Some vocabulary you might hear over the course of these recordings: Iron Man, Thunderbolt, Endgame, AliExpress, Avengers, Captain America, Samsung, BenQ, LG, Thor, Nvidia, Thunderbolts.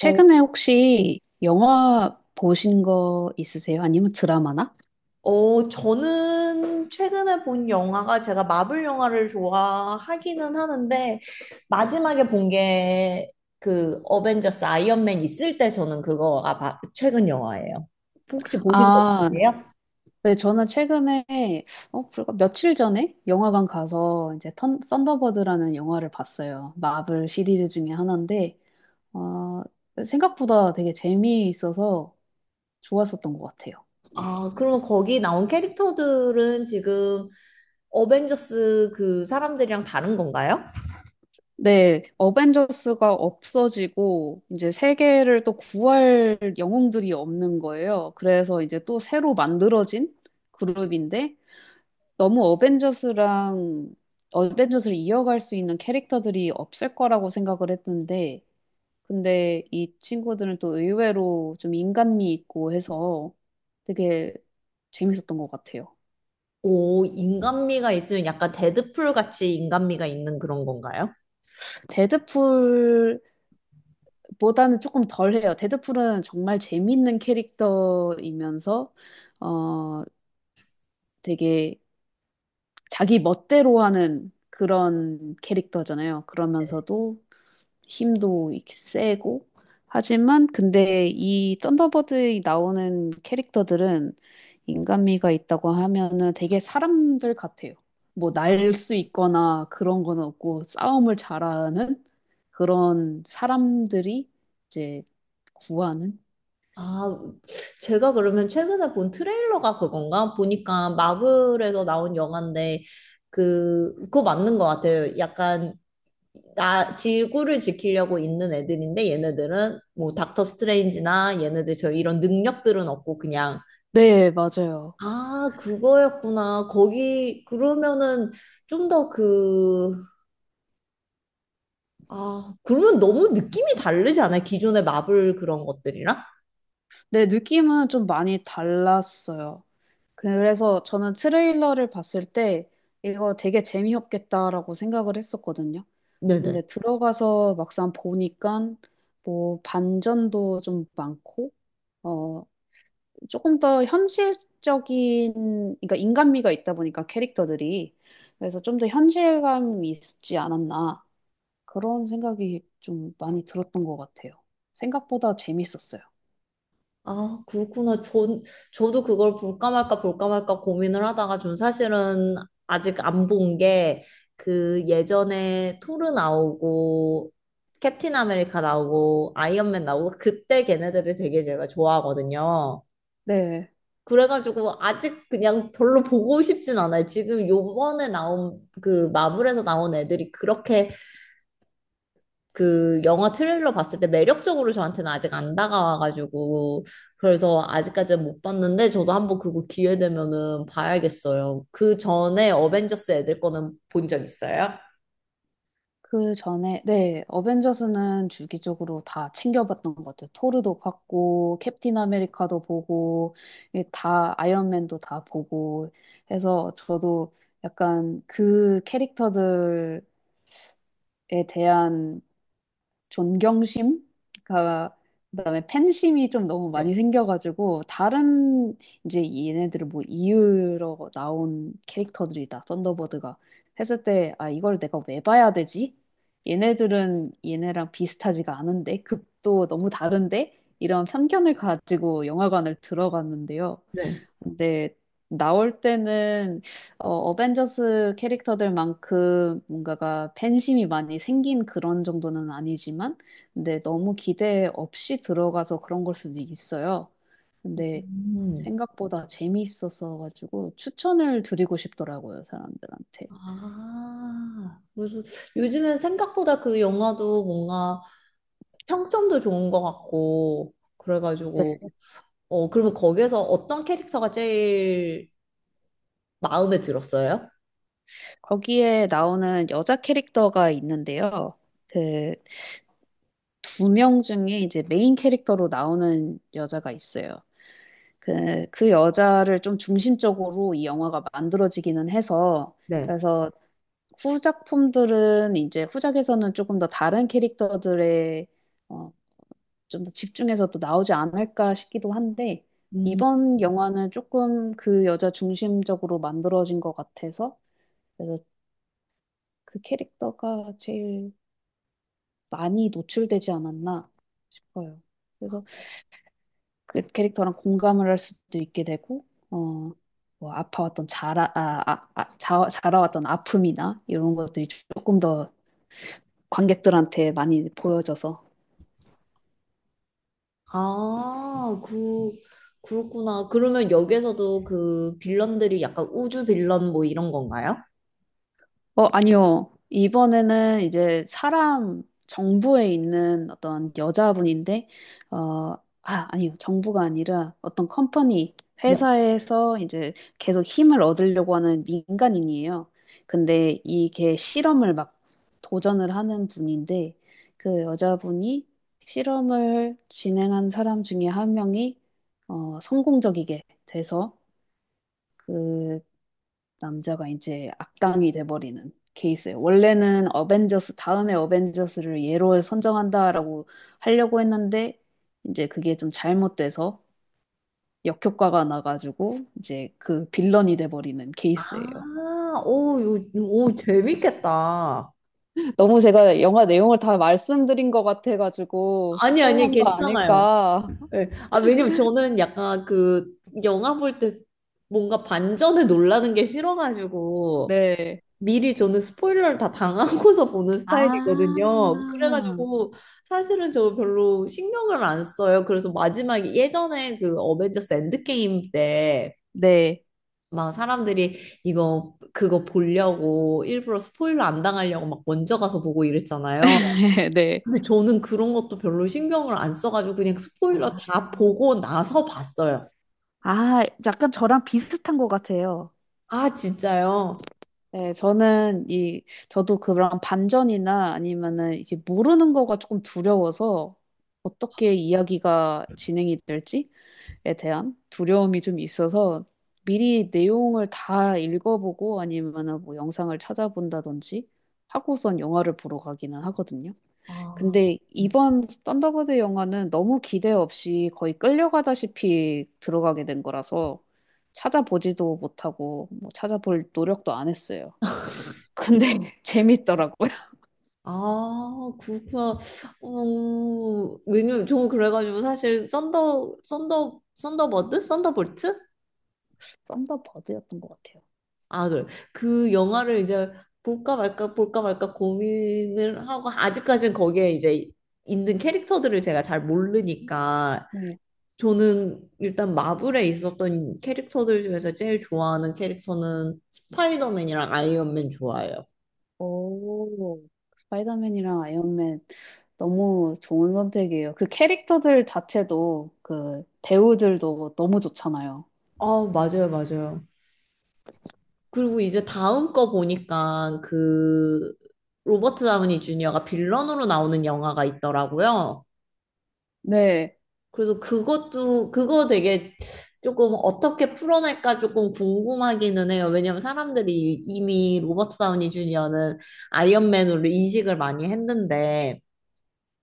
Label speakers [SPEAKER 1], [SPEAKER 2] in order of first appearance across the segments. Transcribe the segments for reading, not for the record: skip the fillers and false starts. [SPEAKER 1] 어,
[SPEAKER 2] 혹시 영화 보신 거 있으세요? 아니면 드라마나?
[SPEAKER 1] 저는 최근에 본 영화가 제가 마블 영화를 좋아하기는 하는데 마지막에 본 게 그 어벤져스 아이언맨 있을 때 저는 최근 영화예요. 혹시 보신 거
[SPEAKER 2] 아,
[SPEAKER 1] 있으세요?
[SPEAKER 2] 네, 저는 최근에, 불과 며칠 전에 영화관 가서 이제 턴, 썬더버드라는 영화를 봤어요. 마블 시리즈 중에 하나인데, 어, 생각보다 되게 재미있어서 좋았었던 것 같아요.
[SPEAKER 1] 아, 그러면 거기 나온 캐릭터들은 지금 어벤져스 그 사람들이랑 다른 건가요?
[SPEAKER 2] 네, 어벤져스가 없어지고 이제 세계를 또 구할 영웅들이 없는 거예요. 그래서 이제 또 새로 만들어진 그룹인데 너무 어벤져스랑 어벤져스를 이어갈 수 있는 캐릭터들이 없을 거라고 생각을 했는데, 근데 이 친구들은 또 의외로 좀 인간미 있고 해서 되게 재밌었던 것 같아요.
[SPEAKER 1] 오, 인간미가 있으면 약간 데드풀 같이 인간미가 있는 그런 건가요?
[SPEAKER 2] 데드풀보다는 조금 덜해요. 데드풀은 정말 재밌는 캐릭터이면서 어 되게 자기 멋대로 하는 그런 캐릭터잖아요. 그러면서도 힘도 세고 하지만 근데 이 썬더버드에 나오는 캐릭터들은 인간미가 있다고 하면은 되게 사람들 같아요. 뭐 날 수 있거나 그런 건 없고 싸움을 잘하는 그런 사람들이 이제 구하는?
[SPEAKER 1] 아, 제가 그러면 최근에 본 트레일러가 그건가? 보니까 마블에서 나온 영화인데, 그, 그거 맞는 것 같아요. 약간, 나, 지구를 지키려고 있는 애들인데, 얘네들은 뭐, 닥터 스트레인지나 얘네들 저 이런 능력들은 없고, 그냥,
[SPEAKER 2] 네, 맞아요.
[SPEAKER 1] 아, 그거였구나. 거기, 그러면은 좀 더 그, 아, 그러면 너무 느낌이 다르지 않아요? 기존의 마블 그런 것들이랑?
[SPEAKER 2] 네, 느낌은 좀 많이 달랐어요. 그래서 저는 트레일러를 봤을 때 이거 되게 재미없겠다라고 생각을 했었거든요. 근데
[SPEAKER 1] 네네.
[SPEAKER 2] 들어가서 막상 보니까 뭐 반전도 좀 많고, 어, 조금 더 현실적인, 그러니까 인간미가 있다 보니까 캐릭터들이. 그래서 좀 더 현실감이 있지 않았나. 그런 생각이 좀 많이 들었던 것 같아요. 생각보다 재밌었어요.
[SPEAKER 1] 아, 그렇구나. 전, 저도 그걸 볼까 말까 고민을 하다가 전 사실은 아직 안 본 게 그 예전에 토르 나오고 캡틴 아메리카 나오고 아이언맨 나오고 그때 걔네들을 되게 제가 좋아하거든요.
[SPEAKER 2] 네.
[SPEAKER 1] 그래가지고 아직 그냥 별로 보고 싶진 않아요. 지금 요번에 나온 그 마블에서 나온 애들이 그렇게 그 영화 트레일러 봤을 때 매력적으로 저한테는 아직 안 다가와가지고 그래서 아직까지는 못 봤는데 저도 한번 그거 기회 되면은 봐야겠어요. 그 전에 어벤져스 애들 거는 본 적 있어요?
[SPEAKER 2] 그 전에, 네, 어벤져스는 주기적으로 다 챙겨봤던 것 같아요. 토르도 봤고, 캡틴 아메리카도 보고, 이게 다, 아이언맨도 다 보고 해서 저도 약간 그 캐릭터들에 대한 존경심, 가 그다음에 팬심이 좀 너무
[SPEAKER 1] 네.
[SPEAKER 2] 많이 생겨가지고 다른 이제 얘네들을 뭐 이으러 나온 캐릭터들이다. 썬더버드가 했을 때 아 이걸 내가 왜 봐야 되지? 얘네들은 얘네랑 비슷하지가 않은데 급도 너무 다른데 이런 편견을 가지고 영화관을 들어갔는데요.
[SPEAKER 1] 네.
[SPEAKER 2] 근데 나올 때는 어벤져스 캐릭터들만큼 뭔가가 팬심이 많이 생긴 그런 정도는 아니지만, 근데 너무 기대 없이 들어가서 그런 걸 수도 있어요. 근데
[SPEAKER 1] 음.
[SPEAKER 2] 생각보다 재미있어서 가지고 추천을 드리고 싶더라고요, 사람들한테.
[SPEAKER 1] 아, 그래서 요즘엔 생각보다 그 영화도 뭔가 평점도 좋은 것 같고,
[SPEAKER 2] 네.
[SPEAKER 1] 그래가지고, 어, 그러면 거기에서 어떤 캐릭터가 제일 마음에 들었어요?
[SPEAKER 2] 거기에 나오는 여자 캐릭터가 있는데요. 그 두 명 중에 이제 메인 캐릭터로 나오는 여자가 있어요. 그, 그 여자를 좀 중심적으로 이 영화가 만들어지기는 해서,
[SPEAKER 1] 네.
[SPEAKER 2] 그래서 후작품들은 이제 후작에서는 조금 더 다른 캐릭터들의 어, 좀 더 집중해서 또 나오지 않을까 싶기도 한데, 이번 영화는 조금 그 여자 중심적으로 만들어진 것 같아서, 그래서 그 캐릭터가 제일 많이 노출되지 않았나 싶어요. 그래서 그 캐릭터랑 공감을 할 수도 있게 되고, 어, 뭐 아파왔던 자라, 아, 아, 아, 자, 자라왔던 아픔이나 이런 것들이 조금 더 관객들한테 많이 보여져서
[SPEAKER 1] 아, 그, 그렇구나. 그러면 여기에서도 그 빌런들이 약간 우주 빌런 뭐 이런 건가요?
[SPEAKER 2] 아니요. 이번에는 이제 사람, 정부에 있는 어떤 여자분인데, 어, 아, 아니요. 정부가 아니라 어떤 컴퍼니,
[SPEAKER 1] 네.
[SPEAKER 2] 회사에서 이제 계속 힘을 얻으려고 하는 민간인이에요. 근데 이게 실험을 막 도전을 하는 분인데, 그 여자분이 실험을 진행한 사람 중에 한 명이 성공적이게 돼서 그 남자가 이제 악당이 돼버리는 케이스예요. 원래는 어벤져스, 다음에 어벤져스를 얘로 선정한다라고 하려고 했는데, 이제 그게 좀 잘못돼서 역효과가 나가지고, 이제 그 빌런이 돼버리는 케이스예요.
[SPEAKER 1] 아, 오, 오, 재밌겠다.
[SPEAKER 2] 너무 제가 영화 내용을 다 말씀드린 것 같아가지고,
[SPEAKER 1] 아니, 아니,
[SPEAKER 2] 스포한 거
[SPEAKER 1] 괜찮아요.
[SPEAKER 2] 아닐까.
[SPEAKER 1] 네. 아, 왜냐면 저는 약간 그 영화 볼 때 뭔가 반전에 놀라는 게 싫어가지고,
[SPEAKER 2] 네.
[SPEAKER 1] 미리 저는 스포일러를 다 당하고서 보는
[SPEAKER 2] 아,
[SPEAKER 1] 스타일이거든요. 그래가지고 사실은 저 별로 신경을 안 써요. 그래서 마지막에 예전에 그 어벤져스 엔드게임 때
[SPEAKER 2] 네.
[SPEAKER 1] 막 사람들이 이거 그거 보려고 일부러 스포일러 안 당하려고 막 먼저 가서 보고 이랬잖아요.
[SPEAKER 2] 네.
[SPEAKER 1] 근데 저는 그런 것도 별로 신경을 안 써가지고 그냥 스포일러
[SPEAKER 2] 아,
[SPEAKER 1] 다 보고 나서 봤어요.
[SPEAKER 2] 아, 약간 저랑 비슷한 것 같아요.
[SPEAKER 1] 아, 진짜요?
[SPEAKER 2] 네, 저는 이, 저도 그런 반전이나 아니면은 이제 모르는 거가 조금 두려워서 어떻게 이야기가 진행이 될지에 대한 두려움이 좀 있어서 미리 내용을 다 읽어보고 아니면은 뭐 영상을 찾아본다든지 하고선 영화를 보러 가기는 하거든요.
[SPEAKER 1] 아.
[SPEAKER 2] 근데 이번 썬더버드 영화는 너무 기대 없이 거의 끌려가다시피 들어가게 된 거라서 찾아보지도 못하고 뭐 찾아볼 노력도 안 했어요. 근데 재밌더라고요.
[SPEAKER 1] 아, 그렇구나. 어, 왜냐면 저 그래가지고 사실 썬더버드? 썬더볼트?
[SPEAKER 2] 썬더버드였던 것 같아요.
[SPEAKER 1] 아, 그래. 그 영화를 이제 볼까 말까 고민을 하고, 아직까지는 거기에 이제 있는 캐릭터들을 제가 잘 모르니까,
[SPEAKER 2] 네.
[SPEAKER 1] 저는 일단 마블에 있었던 캐릭터들 중에서 제일 좋아하는 캐릭터는 스파이더맨이랑 아이언맨 좋아해요.
[SPEAKER 2] 오, 스파이더맨이랑 아이언맨 너무 좋은 선택이에요. 그 캐릭터들 자체도 그 배우들도 너무 좋잖아요.
[SPEAKER 1] 아, 맞아요, 맞아요. 그리고 이제 다음 거 보니까 그 로버트 다우니 주니어가 빌런으로 나오는 영화가 있더라고요.
[SPEAKER 2] 네,
[SPEAKER 1] 그래서 그것도 그거 되게 조금 어떻게 풀어낼까 조금 궁금하기는 해요. 왜냐면 사람들이 이미 로버트 다우니 주니어는 아이언맨으로 인식을 많이 했는데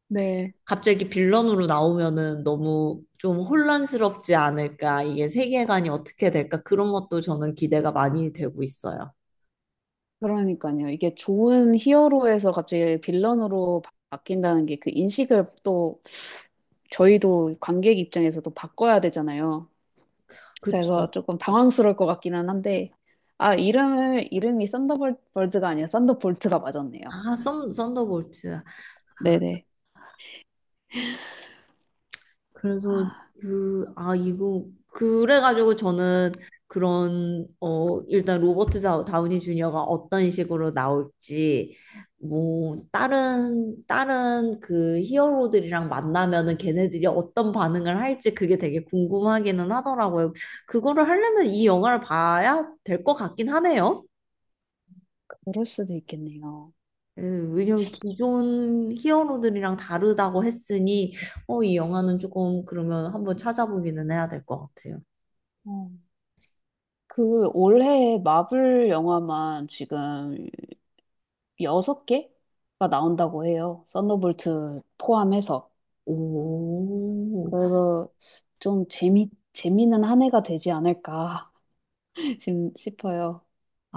[SPEAKER 2] 네.
[SPEAKER 1] 갑자기 빌런으로 나오면은 너무 좀 혼란스럽지 않을까? 이게 세계관이 어떻게 될까? 그런 것도 저는 기대가 많이 되고 있어요.
[SPEAKER 2] 그러니까요. 이게 좋은 히어로에서 갑자기 빌런으로 바뀐다는 게 그 인식을 또 저희도 관객 입장에서도 바꿔야 되잖아요. 그래서
[SPEAKER 1] 그쵸.
[SPEAKER 2] 조금 당황스러울 것 같기는 한데, 아, 이름을, 이름이 썬더볼즈가 아니라 썬더볼트가 맞았네요.
[SPEAKER 1] 아, 썬더볼트. 아,
[SPEAKER 2] 네네.
[SPEAKER 1] 그래서
[SPEAKER 2] 아,
[SPEAKER 1] 그래가지고 저는 그런, 어, 일단 다우니 주니어가 어떤 식으로 나올지, 뭐, 다른 그 히어로들이랑 만나면은 걔네들이 어떤 반응을 할지 그게 되게 궁금하기는 하더라고요. 그거를 하려면 이 영화를 봐야 될 것 같긴 하네요.
[SPEAKER 2] 그럴 수도 있겠네요.
[SPEAKER 1] 왜냐면 기존 히어로들이랑 다르다고 했으니, 어, 이 영화는 조금 그러면 한번 찾아보기는 해야 될 것 같아요.
[SPEAKER 2] 어, 그 올해 마블 영화만 지금 여섯 개가 나온다고 해요. 썬더볼트 포함해서.
[SPEAKER 1] 오,
[SPEAKER 2] 그래서 좀 재미, 재미는 한 해가 되지 않을까 싶어요.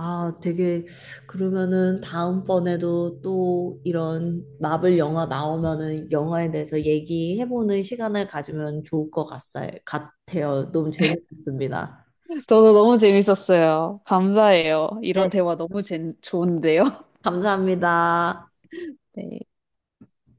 [SPEAKER 1] 아, 되게, 그러면은 다음번에도 또 이런 마블 영화 나오면은 영화에 대해서 얘기해보는 시간을 가지면 좋을 것 같아요. 너무 재밌었습니다.
[SPEAKER 2] 저도 너무 재밌었어요. 감사해요. 이런
[SPEAKER 1] 네,
[SPEAKER 2] 대화 너무 재, 좋은데요.
[SPEAKER 1] 감사합니다.
[SPEAKER 2] 네.